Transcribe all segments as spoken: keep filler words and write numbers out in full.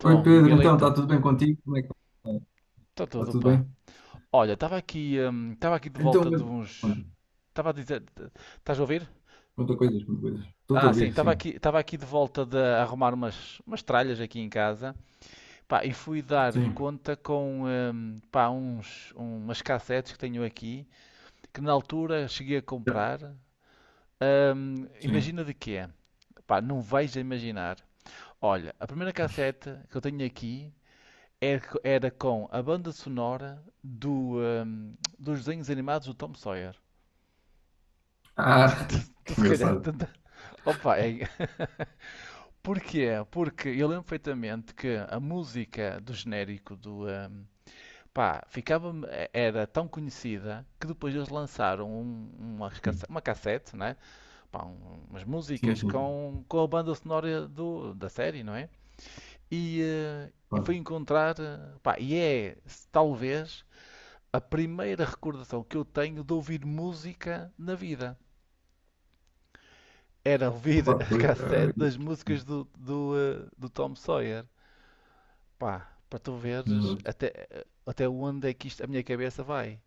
Oi Pedro, então Miguelito, está tudo bem contigo? Como é que está? está Está tudo, tudo pá. bem? Olha, estava aqui, hum, estava aqui de Então, volta de eu- uns. conta, Estava a dizer. Estás a ouvir? conta coisas, conta coisas. Estou a Ah, sim, ouvir, estava sim. aqui, estava aqui de volta de arrumar umas, umas tralhas aqui em casa, pá, e fui dar Sim, conta com, hum, pá, uns, um, umas cassetes que tenho aqui, que na altura cheguei a comprar. Hum, sim. imagina de quê? Pá, não vais a imaginar. Olha, a primeira cassete que eu tenho aqui era, era com a banda sonora do, hum, dos desenhos animados do Tom Sawyer. Ah, Tu que se calhar. engraçado. Opa, é... Porquê? Porque eu lembro perfeitamente que a música do genérico do. Hum, pá, ficava, era tão conhecida que depois eles lançaram um- uma, Sim, uma cassete, né? Pá, um- umas sim, músicas sim. com, com a banda sonora do, da série, não é? E, eh, e Pá, foi encontrar. eh, Pá, e é talvez a primeira recordação que eu tenho de ouvir música na vida. Era ouvir pá, a pois, cassete é, das músicas do, do, eh, do Tom Sawyer. Pá, para tu veres exato. até, até onde é que isto, a minha cabeça vai.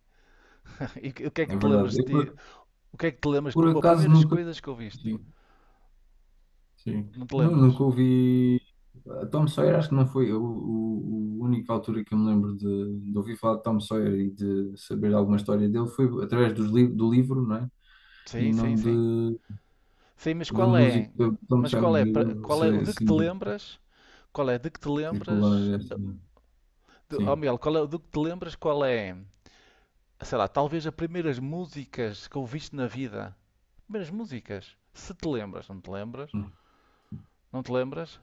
E o que é que É te lembras verdade. Eu de ti? por, O que é que te lembras por como as acaso primeiras nunca. coisas que ouviste? Sim, sim. Não te Nu- lembras? Nunca ouvi. A Tom Sawyer, acho que não foi o, o, o única altura que eu me lembro de, de ouvir falar de Tom Sawyer e de saber alguma história dele foi através dos li, do livro, não é? E Sim, sim, não de. sim. Sim, mas Da qual música, é? então me Mas sai qual mais é, ajuda, qual é o sei de que te assim, de lembras? Qual é de que te circular lembras? esta, eh, não. Oh, Sim. Miguel, qual é o de que te lembras? Qual é sei lá, talvez as primeiras músicas que ouviste na vida. Primeiras músicas. Se te lembras, não te lembras? Não te lembras?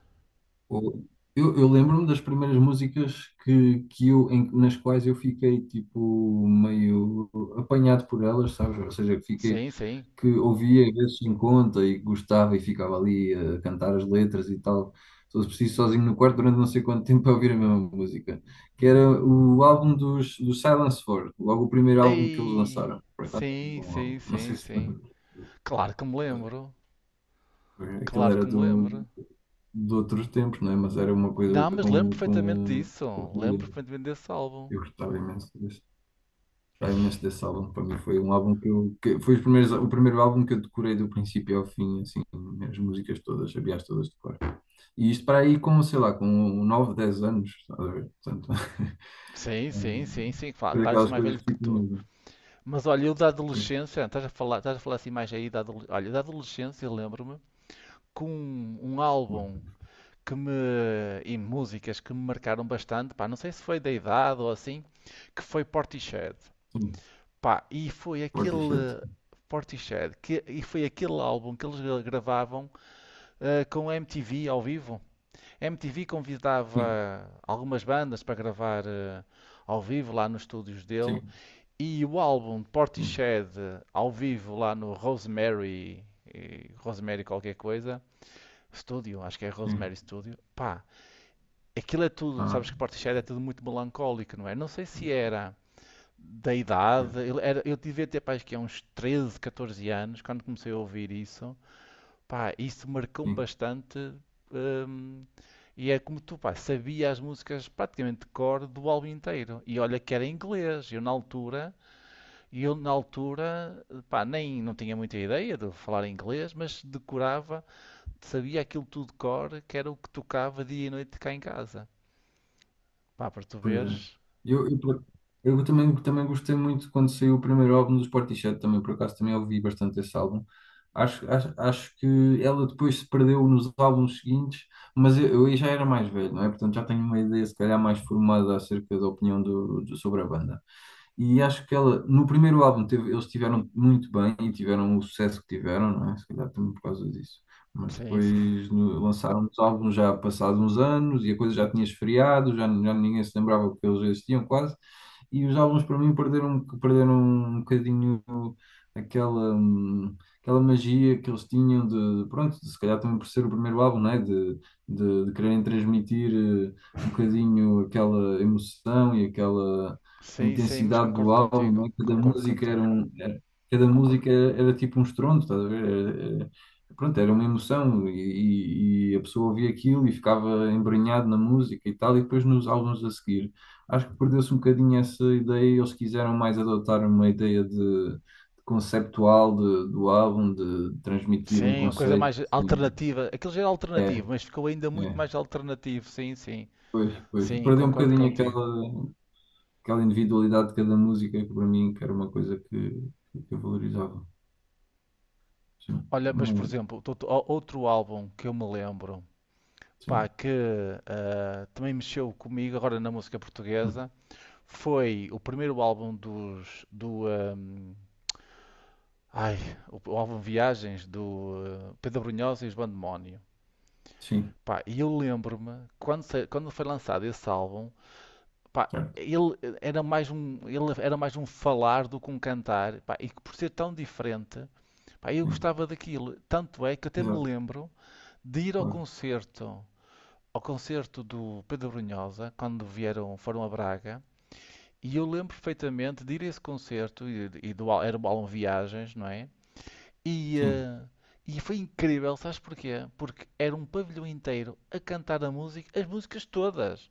O- Eu, eu lembro-me das primeiras músicas que, que eu, em- nas quais eu fiquei, tipo, meio apanhado por elas, sabes? Ou seja, que fiquei, Sim, sim. que ouvia às vezes em conta e gostava e ficava ali a cantar as letras e tal. Se fosse preciso, sozinho no quarto durante não sei quanto tempo a ouvir a mesma música. Que era o álbum dos, dos Silence quatro, logo o primeiro álbum que eles Ei! lançaram. Por acaso, é um Sim, bom álbum. sim, Não sei sim, se... sim. Claro que me lembro. Aquilo Claro era que me do, lembro. de outros tempos, não é? Mas era uma coisa Não, mas lembro com, perfeitamente com... disso. Lembro perfeitamente desse álbum. Eu gostava imenso desse, Ai, gostava imenso desse álbum. Para mim foi um álbum que eu... Que foi os primeiros, o primeiro álbum que eu decorei do princípio ao fim, assim, as músicas todas, sabia-as todas de cor. E isto para aí com, sei lá, com nove dez anos, estás a ver? Portanto, sim, sim, hum, sim, sim. Claro, foi claro que sou daquelas mais coisas velho que que ficam tu. mesmo. Mas olha, eu da Pois, adolescência, estás a falar, estás a falar assim mais aí da adolescência. Olha, da adolescência, lembro-me com um, um sim, álbum que me, e músicas que me marcaram bastante, pá, não sei se foi da idade ou assim, que foi Portishead. sim. Pá, e foi aquele Portishead. Portishead, que, e foi aquele álbum que eles gravavam eh, com a M T V ao vivo. A M T V Sim, convidava algumas bandas para gravar eh, ao vivo lá nos estúdios sim, dele. E o álbum de sim, Portishead eh, ao vivo lá no Rosemary, eh, Rosemary qualquer coisa, Studio, acho que é sim. Rosemary Studio. Pá, aquilo é tudo, Ah, sabes que Portishead é tudo muito melancólico, não é? Não sei se era da pois, idade, ele era- eu devia ter pá, acho que é uns treze, catorze anos quando comecei a ouvir isso, pá, isso marcou-me sim. bastante. hum, e é como tu, pá, sabia as músicas praticamente de cor do álbum inteiro. E olha que era em inglês, eu na altura, e eu na altura, pá, nem não tinha muita ideia de falar inglês, mas decorava, sabia aquilo tudo de cor, que era o que tocava dia e noite cá em casa. Pá, para tu Pois é. veres. Eu, eu, por- eu também, também gostei muito quando saiu o primeiro álbum dos Portishead, também por acaso também ouvi bastante esse álbum. Acho, acho, acho que ela depois se perdeu nos álbuns seguintes, mas eu, eu aí já era mais velho, não é? Portanto já tenho uma ideia se calhar mais formada acerca da opinião do, do- sobre a banda. E acho que ela, no primeiro álbum, teve- eles tiveram muito bem e tiveram o sucesso que tiveram, não é? Se calhar também por causa disso. Mas Sim, sim. depois no- lançaram os álbuns já passados uns anos e a coisa já tinha esfriado, já, já ninguém se lembrava que eles existiam quase e os álbuns para mim perderam, perderam um bocadinho aquela, hum, aquela magia que eles tinham de, de- pronto, de, se calhar também por ser o primeiro álbum, né? De, de, de quererem transmitir eh, um bocadinho aquela emoção e aquela Sim, sim, mas intensidade do concordo contigo. álbum, né? Cada Concordo música era contigo. um, era- cada música era, era tipo um estrondo, estás a ver? Era- era- pronto, era uma emoção e, e- e a pessoa ouvia aquilo e ficava embrenhado na música e tal, e depois nos álbuns a seguir. Acho que perdeu-se um bocadinho essa ideia e eles quiseram mais adotar uma ideia de, de conceptual de- do álbum, de transmitir um Sim, a coisa conceito. mais e- alternativa. Aquilo já era É, alternativo, mas ficou ainda muito é, mais alternativo. Sim, sim. pois, pois. Sim, Perdeu um concordo bocadinho contigo. aquela, aquela individualidade de cada música, que para mim que era uma coisa que, que eu valorizava. Sim, Olha, mas por hum, exemplo, tot- o- outro álbum que eu me lembro, pá, sim, que ah, também mexeu comigo agora na música hum, portuguesa, foi o primeiro álbum dos, do, ahm, ai, o, o álbum Viagens do ah, Pedro Brunhosa e os Bandemónio. sim, Pá, e eu lembro-me quando, sa- quando foi lançado esse álbum. Pá, certo, ele era mais um, ele era mais um falar do que um cantar, pá, e que por ser tão diferente, pá, eu sim, gostava daquilo. Tanto é que até me exato, lembro de ir ao claro, concerto, ao concerto do Pedro Brunhosa, quando vieram, foram a Braga, e eu lembro perfeitamente de ir a esse concerto, e, e do, al- era o álbum Viagens, não é? E, sim, eh, e foi incrível, sabes porquê? Porque era um pavilhão inteiro a cantar a música, as músicas todas.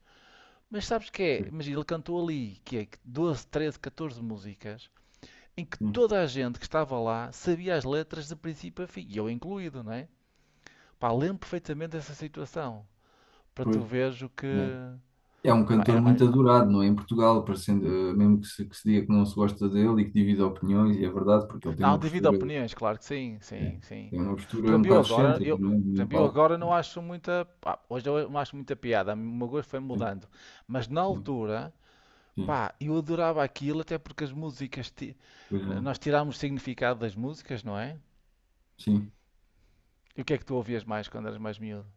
Mas sabes que é? pois, Mas ele cantou ali, que é que doze, treze, catorze músicas, em que sim, toda a gente que estava lá sabia as letras de princípio a fim, e eu incluído, não é? Pá, lembro perfeitamente dessa situação, para tu pois, veres o que... é. É um Pá, cantor era mais... muito adorado, não é? Em Portugal, parecendo, eh, mesmo que se, que se, diga que não se gosta dele e que divide opiniões, e é verdade, porque ele tem Não, uma devido a postura, opiniões, claro que sim, é, sim, sim. tem uma postura Para um mim eu bocado agora, excêntrica, eu, não é? por No exemplo, eu palco. agora não acho muita... Pá, hoje eu não acho muita piada, o meu gosto foi Sim, mudando. Mas na sim, altura, sim, pá, eu adorava aquilo, até porque as músicas... ti- pois é, Nós tirámos significado das músicas, não é? sim. E o que é que tu ouvias mais quando eras mais miúdo?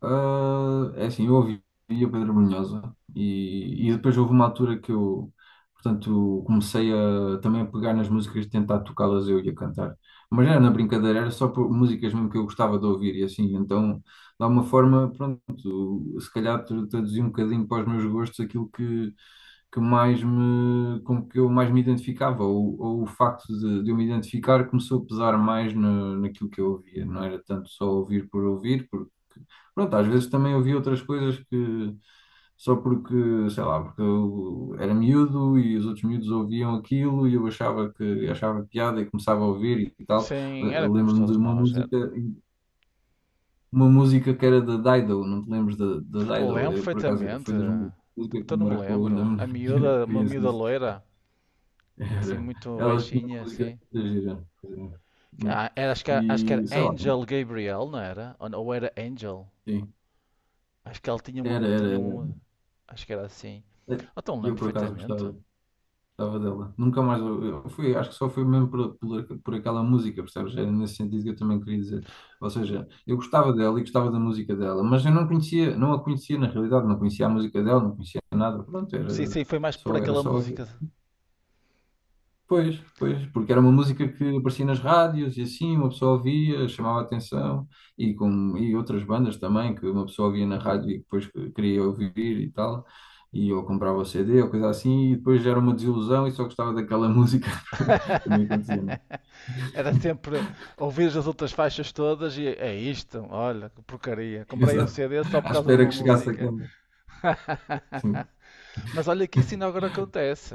Ah, é assim, eu ouvi o Pedro Brunhosa e, e depois houve uma altura que eu, portanto, comecei a também a pegar nas músicas, e tentar tocá-las eu e a cantar. Mas era na brincadeira, era só por músicas mesmo que eu gostava de ouvir e assim, então, de alguma forma, pronto, se calhar tra- traduzi um bocadinho para os meus gostos aquilo que, que mais me, com que eu mais me identificava, ou, ou o facto de, de eu me identificar começou a pesar mais na naquilo que eu ouvia, não era tanto só ouvir por ouvir, porque pronto, às vezes também ouvi outras coisas que só porque, sei lá, porque eu era miúdo e os outros miúdos ouviam aquilo e eu achava que achava piada e começava a ouvir e tal. Eh, Sim, era Eu como lembro-me de todos uma nós. Era. música, uma música que era da Dido, não te lembras da da Dido? Lembro Eh, Por acaso perfeitamente. foi das músicas que Até me não me marcou na lembro. A na minha miúda, uma criança. miúda Isso. loira, assim, Era, muito ela tinha uma baixinha, música assim. da gira. Que- ah, Era, acho que, era- acho que era E sei lá, Angel Gabriel, não era? Ou, ou era Angel? sim, Acho que ela tinha uma, era, tinha era, uma. Acho que era assim. era. Então lembro Eu por acaso perfeitamente. gostava. Gostava dela. Nunca mais. Eu fui, acho que só foi mesmo por, por, por aquela música, percebes? Era nesse sentido que eu também queria dizer. Ou seja, eu gostava dela e gostava da música dela, mas eu não conhecia, não a conhecia na realidade, não conhecia a música dela, não conhecia nada. Pronto, Sim, era sim, foi mais por só, era aquela só música. Pois, pois, porque era uma música que aparecia nas rádios e assim uma pessoa ouvia, chamava a atenção e, com, e outras bandas também que uma pessoa ouvia na rádio e depois que queria ouvir e tal, e ou comprava o C D ou coisa assim, e depois era uma desilusão e só gostava daquela música, também acontecia, né? Era sempre ouvir as outras faixas todas e é isto, olha, que porcaria. Comprei o Exato. C D só por À causa de espera uma que chegasse música. aquela. Sim, Mas olha que isso ainda agora acontece.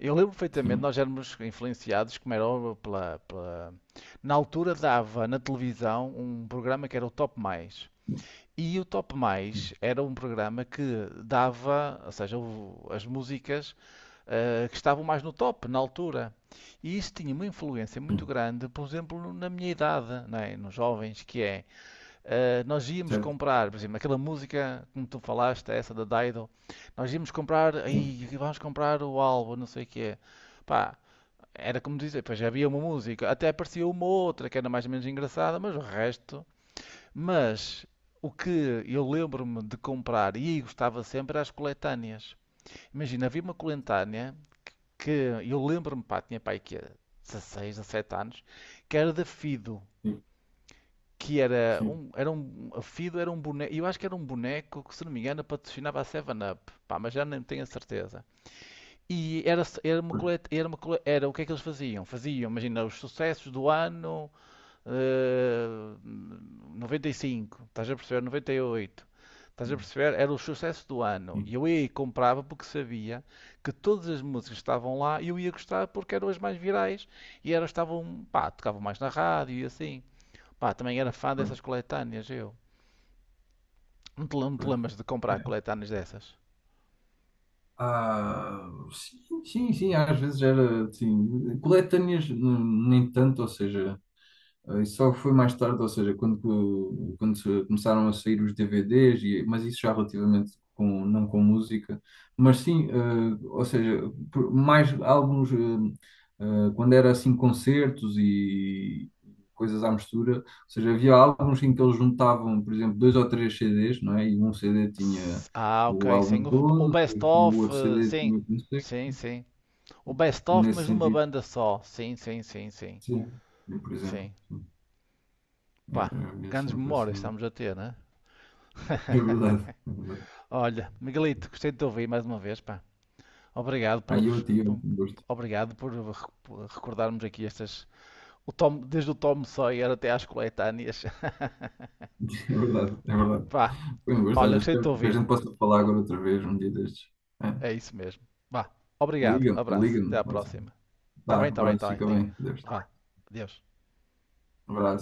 Eu lembro perfeitamente, sim, nós éramos influenciados, como era óbvio, pela, pela- Na altura dava na televisão um programa que era o Top Mais. E o Top Mais sim, era um programa que dava, ou seja, o- as músicas eh, que estavam mais no top na altura. E isso tinha uma influência muito grande, por exemplo, na minha idade, não é? Nos jovens, que é Uh, nós íamos certo. comprar, por exemplo, aquela música como tu falaste, essa da Dido, nós íamos comprar, Sim, aí vamos comprar o álbum, não sei o que é. Pá, era como dizer, pois havia uma música, até aparecia uma outra que era mais ou menos engraçada, mas o resto. Mas o que eu lembro-me de comprar e gostava sempre era as coletâneas. Imagina, havia uma coletânea que eu lembro-me, pá, tinha pai que dezesseis, dezessete anos, que era da Fido sim, que era sim, um, era um, a Fido era um boneco, eu acho que era um boneco que, se não me engano, patrocinava a sete-Up, pá, mas já não tenho a certeza. E era, era uma pois, coleta, era uma cole- era o que é que eles faziam? Faziam, imagina, os sucessos do ano eh, noventa e cinco, estás a perceber? noventa e oito. Estás a sim, perceber? Era o sucesso do ano. E sim, eu ia e comprava porque sabia que todas as músicas que estavam lá eu ia gostar porque eram as mais virais e elas estavam, pá, tocavam mais na rádio e assim. Pá, também era fã pois, dessas coletâneas, eu. Não te, não te pois. lembras de comprar coletâneas dessas? Ah, sim, sim, sim, às vezes era assim, coletâneas n- nem tanto, ou seja, eh, isso só foi mais tarde, ou seja, quando, co- quando se- começaram a sair os D V Ds, e, mas isso já relativamente com, não com música, mas sim, eh, ou seja, por- mais álbuns ah, Uh, quando era assim concertos e coisas à mistura, ou seja, havia álbuns em que eles juntavam, por exemplo, dois ou três C Ds, não é? E um C D tinha S- Ah, o ok, sim. álbum O, o todo, Best depois o Of, outro eh, C D sim. tinha o concerto. Sim, sim. O Best Of, Nesse mas numa sentido, banda só. Sim, sim, sim, sim. sim, eu, por exemplo, Sim. sim. Eu, Pá, eu via grandes sempre memórias assim. estamos a ter, né? É verdade, é verdade. Olha, Miguelito, gostei de te ouvir mais uma vez, pá. Obrigado Ai, eu pelos, tinha por- um gosto. obrigado por, re- por recordarmos aqui estas, o Tom, desde o Tom Sawyer até às coletâneas. É verdade, é verdade. Pá, Foi um gosto. olha, Olha, gostei de te espero que a ouvir. gente possa falar agora outra vez, um dia destes. É. É isso mesmo. Vá. Obrigado. Liga-me, Abraço. Até liga-me. à próxima. Tá Tá, bem, tá bem, abraço, tá bem. fica Ligo. bem. Deus. Vá. Adeus. Abraço.